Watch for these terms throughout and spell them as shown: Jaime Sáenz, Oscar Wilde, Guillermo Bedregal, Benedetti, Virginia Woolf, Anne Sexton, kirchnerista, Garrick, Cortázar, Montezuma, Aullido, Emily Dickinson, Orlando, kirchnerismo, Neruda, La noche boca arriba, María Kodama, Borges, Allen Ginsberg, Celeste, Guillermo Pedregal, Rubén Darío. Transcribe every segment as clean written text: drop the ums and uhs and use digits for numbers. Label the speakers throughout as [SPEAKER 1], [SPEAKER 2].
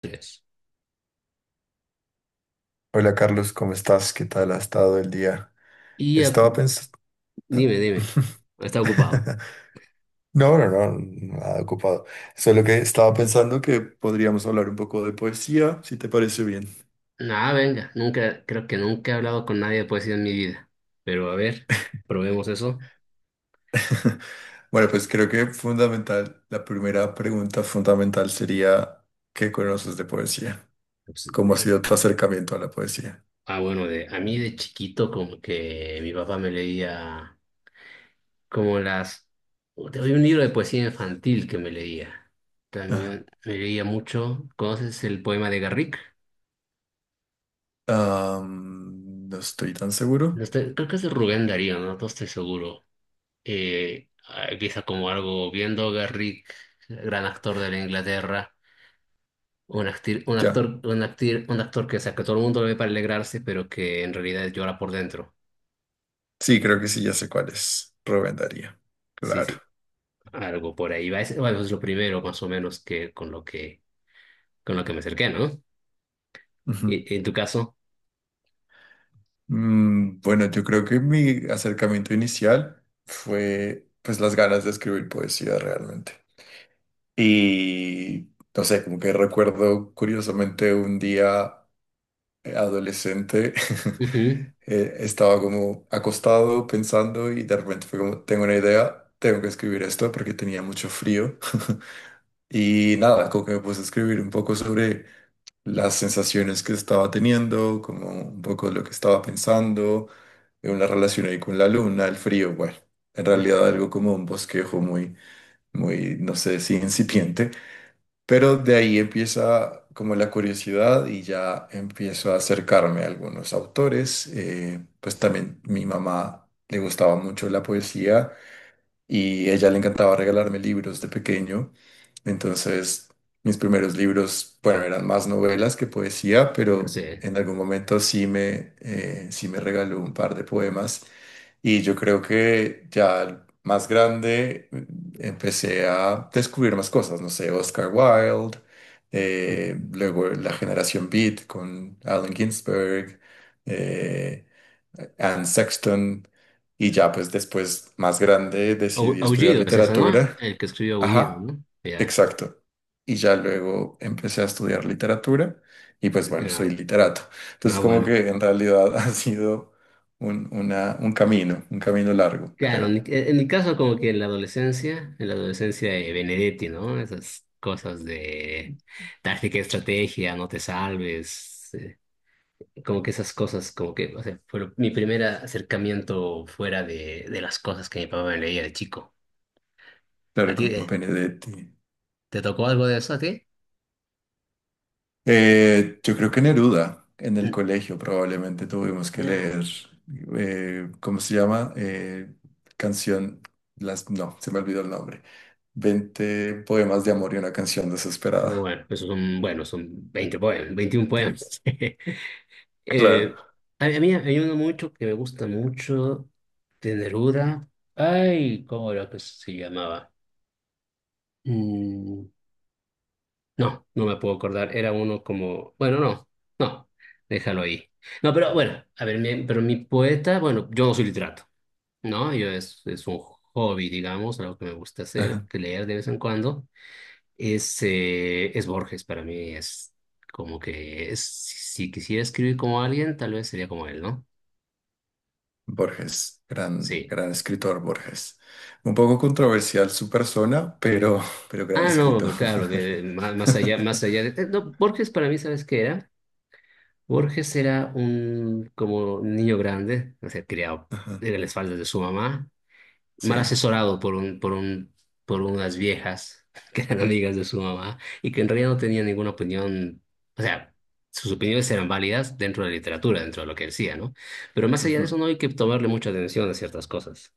[SPEAKER 1] Tres.
[SPEAKER 2] Hola Carlos, ¿cómo estás? ¿Qué tal ha estado el día?
[SPEAKER 1] Y
[SPEAKER 2] Estaba
[SPEAKER 1] ocu-
[SPEAKER 2] pensando...
[SPEAKER 1] dime. Está ocupado.
[SPEAKER 2] No, no, no, nada ocupado. Solo que estaba pensando que podríamos hablar un poco de poesía, si te parece bien.
[SPEAKER 1] Nada, venga. Nunca, creo que nunca he hablado con nadie de poesía en mi vida. Pero a ver, probemos eso.
[SPEAKER 2] Bueno, pues creo que fundamental, la primera pregunta fundamental sería, ¿qué conoces de poesía?
[SPEAKER 1] Pues,
[SPEAKER 2] ¿Cómo ha
[SPEAKER 1] eh,
[SPEAKER 2] sido tu acercamiento a la poesía?
[SPEAKER 1] bueno, a mí de chiquito como que mi papá me leía como las... Había un libro de poesía infantil que me leía.
[SPEAKER 2] Ajá.
[SPEAKER 1] También me leía mucho. ¿Conoces el poema de Garrick?
[SPEAKER 2] No estoy tan
[SPEAKER 1] No
[SPEAKER 2] seguro.
[SPEAKER 1] estoy- Creo que es de Rubén Darío, no estoy seguro. Empieza como algo bien Garrick, gran actor de la Inglaterra, un
[SPEAKER 2] Ya.
[SPEAKER 1] actor, un actor que, o sea, que todo el mundo lo ve para alegrarse, pero que en realidad llora por dentro.
[SPEAKER 2] Sí, creo que sí, ya sé cuál es. Rubén Darío.
[SPEAKER 1] Sí,
[SPEAKER 2] Claro.
[SPEAKER 1] sí, algo por ahí va. Es, bueno, es lo primero más o menos que con lo que me acerqué, ¿no? Y en tu caso,
[SPEAKER 2] Mm, bueno, yo creo que mi acercamiento inicial fue pues las ganas de escribir poesía realmente. Y no sé, como que recuerdo curiosamente un día adolescente,
[SPEAKER 1] ujú,
[SPEAKER 2] estaba como acostado pensando y de repente fue como, tengo una idea, tengo que escribir esto porque tenía mucho frío. Y nada, como que me puse a escribir un poco sobre las sensaciones que estaba teniendo, como un poco lo que estaba pensando, en una relación ahí con la luna, el frío, bueno, en
[SPEAKER 1] ujú,
[SPEAKER 2] realidad algo como un bosquejo muy, muy, no sé si incipiente, pero de ahí empieza como la curiosidad y ya empiezo a acercarme a algunos autores, pues también mi mamá le gustaba mucho la poesía y ella le encantaba regalarme libros de pequeño. Entonces, mis primeros libros, bueno, eran más novelas que poesía,
[SPEAKER 1] pero sí.
[SPEAKER 2] pero en algún momento sí me regaló un par de poemas. Y yo creo que ya más grande mm, empecé a descubrir más cosas, no sé, Oscar Wilde,
[SPEAKER 1] Ujú.
[SPEAKER 2] luego la generación Beat con Allen Ginsberg. eh, Anne Sexton. Y ya pues después, más grande, decidí estudiar
[SPEAKER 1] Aullido es eso, ¿no?
[SPEAKER 2] literatura.
[SPEAKER 1] El que escribió Aullido,
[SPEAKER 2] Ajá,
[SPEAKER 1] ¿no? Ya,
[SPEAKER 2] exacto. Y ya luego empecé a estudiar literatura y pues bueno,
[SPEAKER 1] ya.
[SPEAKER 2] soy literato. Entonces
[SPEAKER 1] No,
[SPEAKER 2] como
[SPEAKER 1] bueno.
[SPEAKER 2] que en realidad ha sido un, un camino largo,
[SPEAKER 1] Claro,
[SPEAKER 2] creo.
[SPEAKER 1] en mi caso como que en la adolescencia de Benedetti, ¿no? Esas cosas de táctica, estrategia, no te salves, como que esas cosas, como que, o sea, fue mi primer acercamiento fuera de las cosas que mi papá me leía de chico. ¿A
[SPEAKER 2] Claro,
[SPEAKER 1] ti
[SPEAKER 2] como Benedetti.
[SPEAKER 1] te tocó algo de eso a ti?
[SPEAKER 2] Yo creo que Neruda, en el
[SPEAKER 1] Mm,
[SPEAKER 2] colegio probablemente tuvimos que
[SPEAKER 1] ya.
[SPEAKER 2] leer, ¿cómo se llama? Canción, las, no, se me olvidó el nombre. 20 poemas de amor y una canción
[SPEAKER 1] Pero
[SPEAKER 2] desesperada.
[SPEAKER 1] bueno, esos son, bueno, son 20 poemas, 21 poemas. Eh,
[SPEAKER 2] Claro.
[SPEAKER 1] a mí hay uno mucho que me gusta mucho de Neruda. Ay, ¿cómo era que se llamaba? Mm, no, no me puedo acordar. Era uno como, bueno, no, no, déjalo ahí. No, pero bueno, a ver, pero mi poeta, bueno, yo no soy literato, ¿no? Es un hobby, digamos, algo que me gusta hacer,
[SPEAKER 2] Ajá.
[SPEAKER 1] que leer de vez en cuando. Es Borges para mí, es como que es, si quisiera escribir como alguien, tal vez sería como él, ¿no?
[SPEAKER 2] Borges, gran,
[SPEAKER 1] Sí.
[SPEAKER 2] gran escritor Borges. Un poco controversial su persona, pero gran
[SPEAKER 1] Ah, no,
[SPEAKER 2] escritor.
[SPEAKER 1] claro, más allá, no, Borges para mí, ¿sabes qué era? Borges era un como niño grande, o sea, criado
[SPEAKER 2] Ajá,
[SPEAKER 1] en las faldas de su mamá, mal
[SPEAKER 2] sí.
[SPEAKER 1] asesorado por unas viejas que eran amigas de su mamá y que en realidad no tenían ninguna opinión, o sea, sus opiniones eran válidas dentro de la literatura, dentro de lo que decía, ¿no? Pero más allá de eso
[SPEAKER 2] Ujú.
[SPEAKER 1] no hay que tomarle mucha atención a ciertas cosas.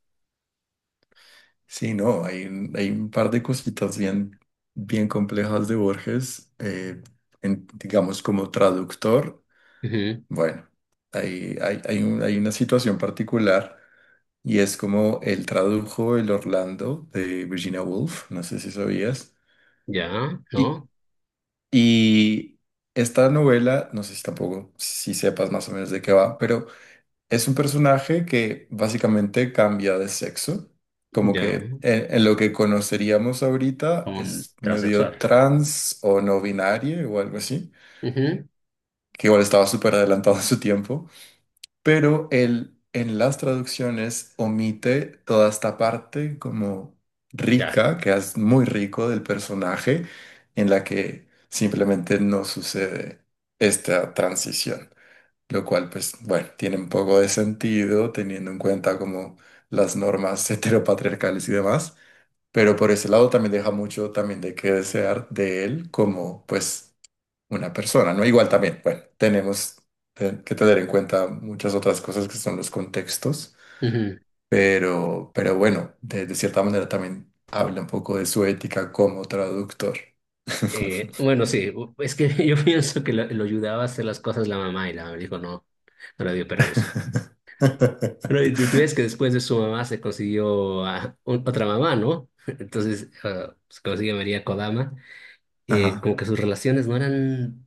[SPEAKER 2] Sí, no, hay, hay un par de cositas bien, bien complejas de Borges, digamos como traductor.
[SPEAKER 1] Ujú,
[SPEAKER 2] Bueno, hay hay una situación particular y es como él tradujo el Orlando de Virginia Woolf, no sé si sabías.
[SPEAKER 1] ya,
[SPEAKER 2] Y,
[SPEAKER 1] ¿no?
[SPEAKER 2] y esta novela, no sé si tampoco, si sepas más o menos de qué va, pero es un personaje que básicamente cambia de sexo, como
[SPEAKER 1] Ya,
[SPEAKER 2] que en lo que conoceríamos ahorita
[SPEAKER 1] un
[SPEAKER 2] es medio
[SPEAKER 1] transexual.
[SPEAKER 2] trans o no binario o algo así,
[SPEAKER 1] Ujú,
[SPEAKER 2] que igual estaba súper adelantado a su tiempo. Pero él en las traducciones omite toda esta parte como
[SPEAKER 1] claro.
[SPEAKER 2] rica, que es muy rico del personaje, en la que simplemente no sucede esta transición, lo cual pues bueno, tiene un poco de sentido teniendo en cuenta como las normas heteropatriarcales y demás, pero por ese lado también deja mucho también de qué desear de él como pues una persona, ¿no? Igual también, bueno, tenemos que tener en cuenta muchas otras cosas que son los contextos,
[SPEAKER 1] Ujú.
[SPEAKER 2] pero bueno, de cierta manera también habla un poco de su ética como traductor.
[SPEAKER 1] Bueno, sí, es que yo pienso que lo ayudaba a hacer las cosas la mamá y la mamá le dijo no, no le dio permiso. Pero tú ves que después de su mamá se consiguió a otra mamá, ¿no? Entonces se consiguió María Kodama.
[SPEAKER 2] Ajá,
[SPEAKER 1] Como que sus relaciones no eran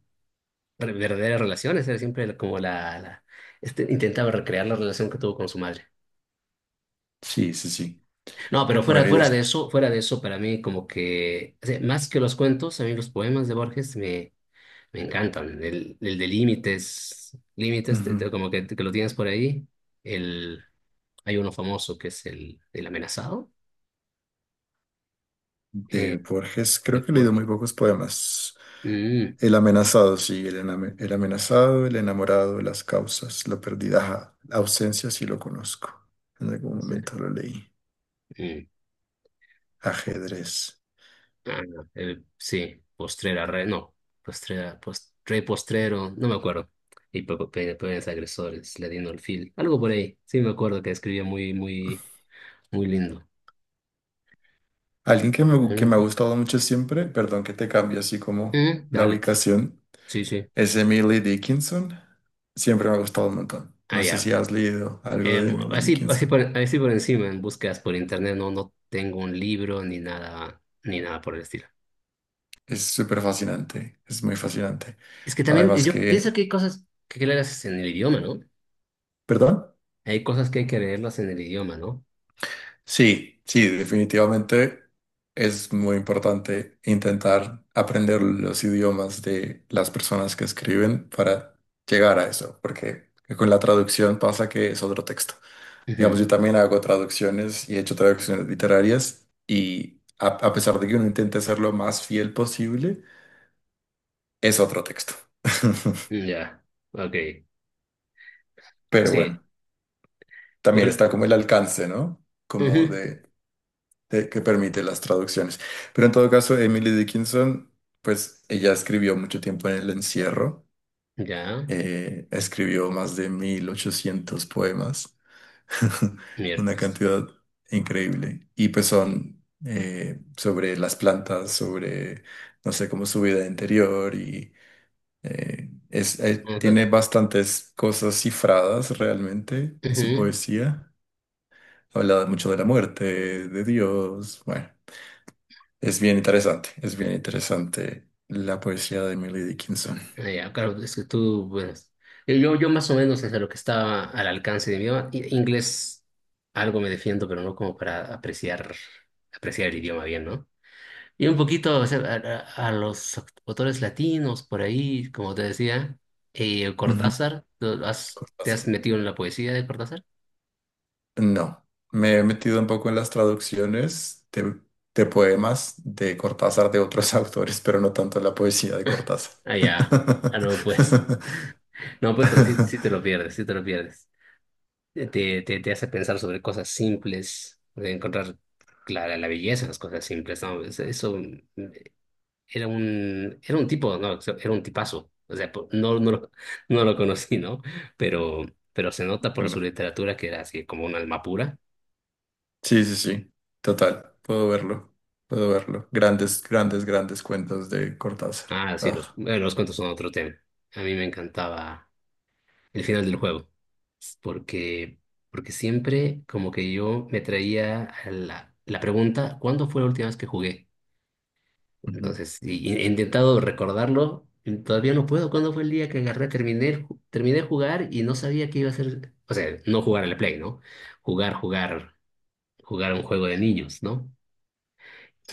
[SPEAKER 1] verdaderas relaciones, era siempre como intentaba recrear la relación que tuvo con su madre.
[SPEAKER 2] sí, sí, sí.
[SPEAKER 1] No, pero
[SPEAKER 2] Bueno, y
[SPEAKER 1] fuera de eso, para mí como que, o sea, más que los cuentos, a mí los poemas de Borges me encantan. El de límites, límites,
[SPEAKER 2] ujú.
[SPEAKER 1] como que lo tienes por ahí. El, hay uno famoso que es el amenazado
[SPEAKER 2] De
[SPEAKER 1] eh,
[SPEAKER 2] Borges, creo
[SPEAKER 1] de
[SPEAKER 2] que he leído
[SPEAKER 1] Borges.
[SPEAKER 2] muy pocos poemas.
[SPEAKER 1] Mm,
[SPEAKER 2] El amenazado, sí, el, el amenazado, el enamorado, las causas, la pérdida, ajá, la ausencia, sí lo conozco. En algún
[SPEAKER 1] sí,
[SPEAKER 2] momento lo leí.
[SPEAKER 1] mm.
[SPEAKER 2] Ajedrez.
[SPEAKER 1] Ah, no, sí, postrera, re, no, postrera, post, rey postrero, no me acuerdo. Y peores agresores, le dieron el fil. Algo por ahí. Sí, me acuerdo que escribía muy, muy, muy lindo.
[SPEAKER 2] Alguien
[SPEAKER 1] Muy
[SPEAKER 2] que me ha
[SPEAKER 1] lindo.
[SPEAKER 2] gustado mucho siempre, perdón que te cambie así como
[SPEAKER 1] Mm,
[SPEAKER 2] la
[SPEAKER 1] dale,
[SPEAKER 2] ubicación,
[SPEAKER 1] sí, sí.
[SPEAKER 2] es Emily Dickinson. Siempre me ha gustado un montón.
[SPEAKER 1] Ah,
[SPEAKER 2] No sé si
[SPEAKER 1] ya.
[SPEAKER 2] has leído algo de Emily
[SPEAKER 1] Así,
[SPEAKER 2] Dickinson.
[SPEAKER 1] así por encima, en búsquedas por internet, no, no tengo un libro ni nada, ni nada por el estilo.
[SPEAKER 2] Es súper fascinante, es muy fascinante.
[SPEAKER 1] Es que también
[SPEAKER 2] Además
[SPEAKER 1] yo pienso
[SPEAKER 2] que,
[SPEAKER 1] que hay cosas que hay que leerlas en el idioma, ¿no?
[SPEAKER 2] ¿perdón?
[SPEAKER 1] Hay cosas que hay que leerlas en el idioma, ¿no?
[SPEAKER 2] Sí, sí, definitivamente es muy importante intentar aprender los idiomas de las personas que escriben para llegar a eso, porque con la traducción pasa que es otro texto. Digamos,
[SPEAKER 1] Ujú,
[SPEAKER 2] yo también hago traducciones y he hecho traducciones literarias y a pesar de que uno intente ser lo más fiel posible, es otro texto.
[SPEAKER 1] ya, ok.
[SPEAKER 2] Pero
[SPEAKER 1] Sí,
[SPEAKER 2] bueno, también
[SPEAKER 1] bueno,
[SPEAKER 2] está como el alcance, ¿no? Como
[SPEAKER 1] ujú,
[SPEAKER 2] de, que permite las traducciones. Pero en todo caso, Emily Dickinson, pues ella escribió mucho tiempo en el encierro,
[SPEAKER 1] ya,
[SPEAKER 2] escribió más de 1800 poemas. Una
[SPEAKER 1] miércoles.
[SPEAKER 2] cantidad increíble. Y pues son sobre las plantas, sobre, no sé, cómo su vida interior y es,
[SPEAKER 1] Vamos a,
[SPEAKER 2] tiene bastantes cosas cifradas realmente en su
[SPEAKER 1] ujú.
[SPEAKER 2] poesía. Habla mucho de la muerte, de Dios. Bueno, es bien interesante la poesía de Emily Dickinson.
[SPEAKER 1] Ya, claro, es que tú, pues, yo, yo más o menos desde lo que estaba al alcance de mi idioma, inglés algo me defiendo, pero no como para apreciar, apreciar el idioma bien, ¿no? Y un poquito, o sea, a los autores latinos por ahí, como te decía,
[SPEAKER 2] Ujú.
[SPEAKER 1] Cortázar, te has
[SPEAKER 2] Cortázar.
[SPEAKER 1] metido en la poesía de Cortázar?
[SPEAKER 2] No, me he metido un poco en las traducciones de poemas de Cortázar de otros autores, pero no tanto en la poesía de Cortázar.
[SPEAKER 1] Ah, ya, ah, no, pues, no, pues, pero sí, sí te lo pierdes, sí te lo pierdes. Te hace pensar sobre cosas simples, de encontrar clara la belleza en las cosas simples, ¿no? Eso, mm, era un tipo, ¿no? Era un tipazo. O sea, no, no, lo, no lo conocí, ¿no? Pero, pero se nota por su
[SPEAKER 2] Bueno,
[SPEAKER 1] literatura que era así como un alma pura.
[SPEAKER 2] sí, sí, sí, total, puedo verlo, puedo verlo. Grandes, grandes, grandes cuentos de Cortázar.
[SPEAKER 1] Ah, sí, los,
[SPEAKER 2] Ah,
[SPEAKER 1] bueno, los cuentos son otro tema. A mí me encantaba el final del juego, porque, porque siempre como que yo me traía a la pregunta, ¿cuándo fue la última vez que jugué?
[SPEAKER 2] ujú.
[SPEAKER 1] Entonces, he intentado recordarlo, y todavía no puedo. ¿Cuándo fue el día que agarré, terminé, terminé de jugar y no sabía qué iba a hacer? O sea, no jugar al Play, ¿no? Jugar, jugar, jugar un juego de niños, ¿no?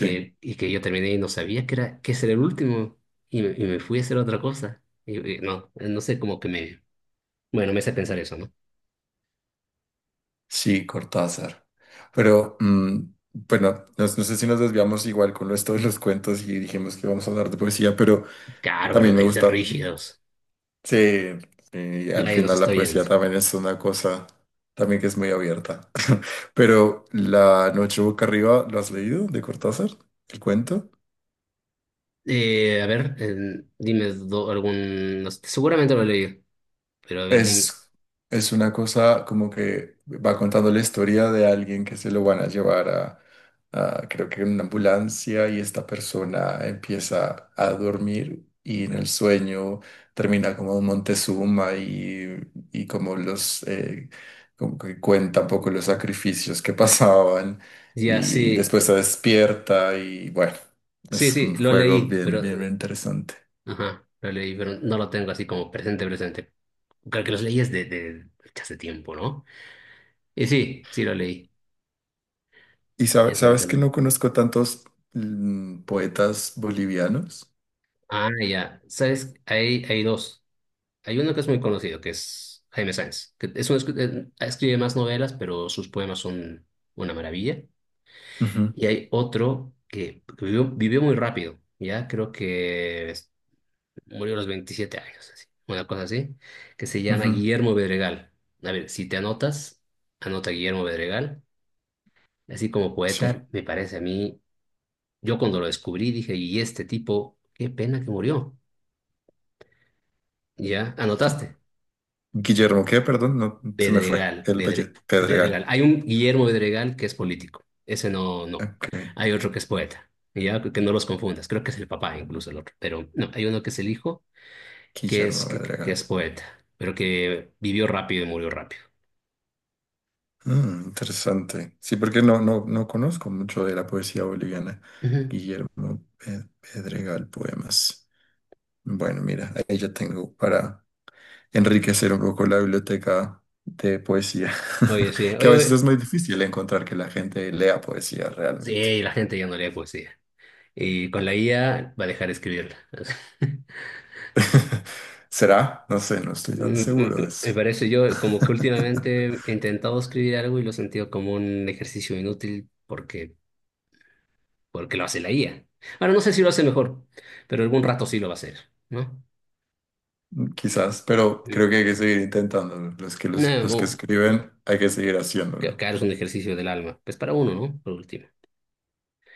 [SPEAKER 2] Sí,
[SPEAKER 1] Y que yo terminé y no sabía que era, que ese era el último y y me fui a hacer otra cosa. Y, no, no sé, cómo que me... Bueno, me hace pensar eso, ¿no?
[SPEAKER 2] sí, Cortázar. Pero, mm, bueno, no, no sé si nos desviamos igual con esto de los cuentos y dijimos que vamos a hablar de poesía, pero
[SPEAKER 1] Claro, pero
[SPEAKER 2] también me
[SPEAKER 1] hay que ser
[SPEAKER 2] gusta.
[SPEAKER 1] rígidos.
[SPEAKER 2] Sí, y al
[SPEAKER 1] Nadie nos
[SPEAKER 2] final la
[SPEAKER 1] está viendo.
[SPEAKER 2] poesía también es una cosa también que es muy abierta. Pero La noche boca arriba, ¿lo has leído de Cortázar? ¿El cuento?
[SPEAKER 1] Dime algún... no sé, seguramente lo leí, pero a ver, dime.
[SPEAKER 2] Es, es una cosa como que va contando la historia de alguien que se lo van a llevar a, creo que en una ambulancia y esta persona empieza a dormir y en el sueño termina como Montezuma y como los, como que cuenta un poco los sacrificios que pasaban
[SPEAKER 1] Ya,
[SPEAKER 2] y
[SPEAKER 1] sí,
[SPEAKER 2] después se despierta y bueno,
[SPEAKER 1] sí,
[SPEAKER 2] es
[SPEAKER 1] sí,
[SPEAKER 2] un
[SPEAKER 1] lo
[SPEAKER 2] juego
[SPEAKER 1] leí,
[SPEAKER 2] bien,
[SPEAKER 1] pero,
[SPEAKER 2] bien, bien interesante.
[SPEAKER 1] ajá, lo leí, pero no lo tengo así como presente, presente. Creo que los leíes de hace tiempo, ¿no? Y sí, sí lo leí.
[SPEAKER 2] Y
[SPEAKER 1] Ese me
[SPEAKER 2] sabes que no
[SPEAKER 1] encanta.
[SPEAKER 2] conozco tantos mm, poetas bolivianos.
[SPEAKER 1] Ah, ya, sabes, hay dos. Hay uno que es muy conocido, que es Jaime Sáenz, que es un, escribe más novelas, pero sus poemas son una maravilla.
[SPEAKER 2] Ujú,
[SPEAKER 1] Y hay otro que vivió, vivió muy rápido, ya, creo que murió a los 27 años, así, una cosa así, que se llama
[SPEAKER 2] ujú,
[SPEAKER 1] Guillermo Bedregal. A ver, si te anotas, anota Guillermo Bedregal. Así como poeta,
[SPEAKER 2] sí.
[SPEAKER 1] me parece a mí, yo cuando lo descubrí dije, y este tipo, qué pena que murió. Ya,
[SPEAKER 2] Gui-
[SPEAKER 1] anotaste,
[SPEAKER 2] Guillermo, ¿qué? Perdón, no, se me fue.
[SPEAKER 1] Bedregal, Bedre- Bedregal.
[SPEAKER 2] Pedregal.
[SPEAKER 1] Hay un Guillermo Bedregal que es político, ese no, no.
[SPEAKER 2] Ok.
[SPEAKER 1] Hay otro que es poeta, ya, que no los confundas, creo que es el papá incluso el otro, pero no, hay uno que es el hijo,
[SPEAKER 2] Guillermo
[SPEAKER 1] que es
[SPEAKER 2] Pedregal.
[SPEAKER 1] poeta, pero que vivió rápido y murió rápido.
[SPEAKER 2] Mm, interesante. Sí, porque no, no, no conozco mucho de la poesía boliviana.
[SPEAKER 1] Ujú.
[SPEAKER 2] Guillermo Pedregal, poemas. Bueno, mira, ahí ya tengo para enriquecer un poco la biblioteca de poesía,
[SPEAKER 1] Oye, sí,
[SPEAKER 2] que a
[SPEAKER 1] oye,
[SPEAKER 2] veces
[SPEAKER 1] oye,
[SPEAKER 2] es muy difícil encontrar que la gente lea poesía realmente.
[SPEAKER 1] sí, la gente ya no lee poesía. Y con la IA va a dejar de escribirla.
[SPEAKER 2] ¿Será? No sé, no estoy tan
[SPEAKER 1] Me me
[SPEAKER 2] seguro de eso.
[SPEAKER 1] Me parece yo como que últimamente he intentado escribir algo y lo he sentido como un ejercicio inútil porque, porque lo hace la IA. Ahora no sé si lo hace mejor, pero algún rato sí lo va a hacer, ¿no?
[SPEAKER 2] Quizás, pero
[SPEAKER 1] Mm.
[SPEAKER 2] creo que hay que seguir intentándolo.
[SPEAKER 1] No,
[SPEAKER 2] Los que
[SPEAKER 1] bueno,
[SPEAKER 2] escriben, hay que seguir haciéndolo.
[SPEAKER 1] claro, es un ejercicio del alma. Pues para uno, ¿no? Por último.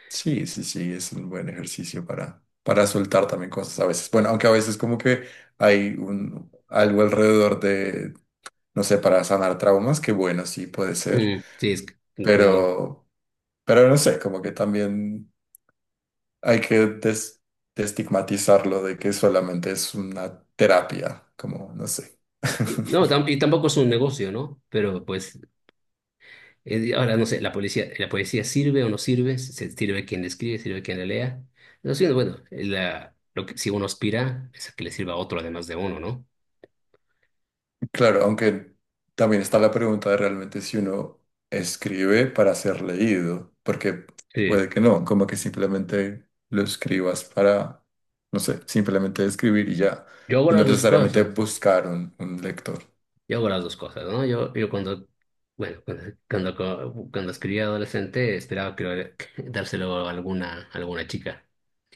[SPEAKER 2] Sí, sí, sí, es un buen ejercicio para soltar también cosas a veces. Bueno, aunque a veces como que hay un, algo alrededor de, no sé, para sanar traumas, que bueno, sí puede ser.
[SPEAKER 1] Mm, sí, es que como...
[SPEAKER 2] Pero, pero no sé, como que también hay que destigmatizarlo de que solamente es una terapia, como no sé.
[SPEAKER 1] Sí, no, tampoco es un negocio, ¿no? Pero pues ahora, no sé, la poesía sirve o no sirve, sirve quien la escribe, sirve quien la lea. No sé, bueno, la, lo que, si uno aspira es a que le sirva a otro además de uno, ¿no?
[SPEAKER 2] Claro, aunque también está la pregunta de realmente si uno escribe para ser leído, porque
[SPEAKER 1] Sí.
[SPEAKER 2] puede que no, como que simplemente lo escribas para, no sé, simplemente escribir y ya,
[SPEAKER 1] Yo hago
[SPEAKER 2] y no
[SPEAKER 1] las dos
[SPEAKER 2] necesariamente
[SPEAKER 1] cosas,
[SPEAKER 2] buscar un lector.
[SPEAKER 1] yo hago las dos cosas, ¿no? Yo cuando, bueno, cuando, cuando, co- cuando escribía adolescente esperaba que, que dárselo a alguna chica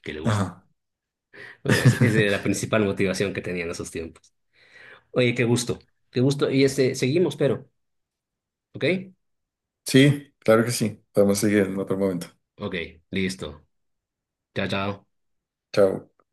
[SPEAKER 1] que le guste.
[SPEAKER 2] Ajá.
[SPEAKER 1] Bueno, esa era la principal motivación que tenía en esos tiempos. Oye, qué gusto, qué gusto. Y este, seguimos, pero, ¿ok?
[SPEAKER 2] Sí, claro que sí. Podemos seguir en otro momento.
[SPEAKER 1] Ok, listo. Chao, chao.
[SPEAKER 2] Chao.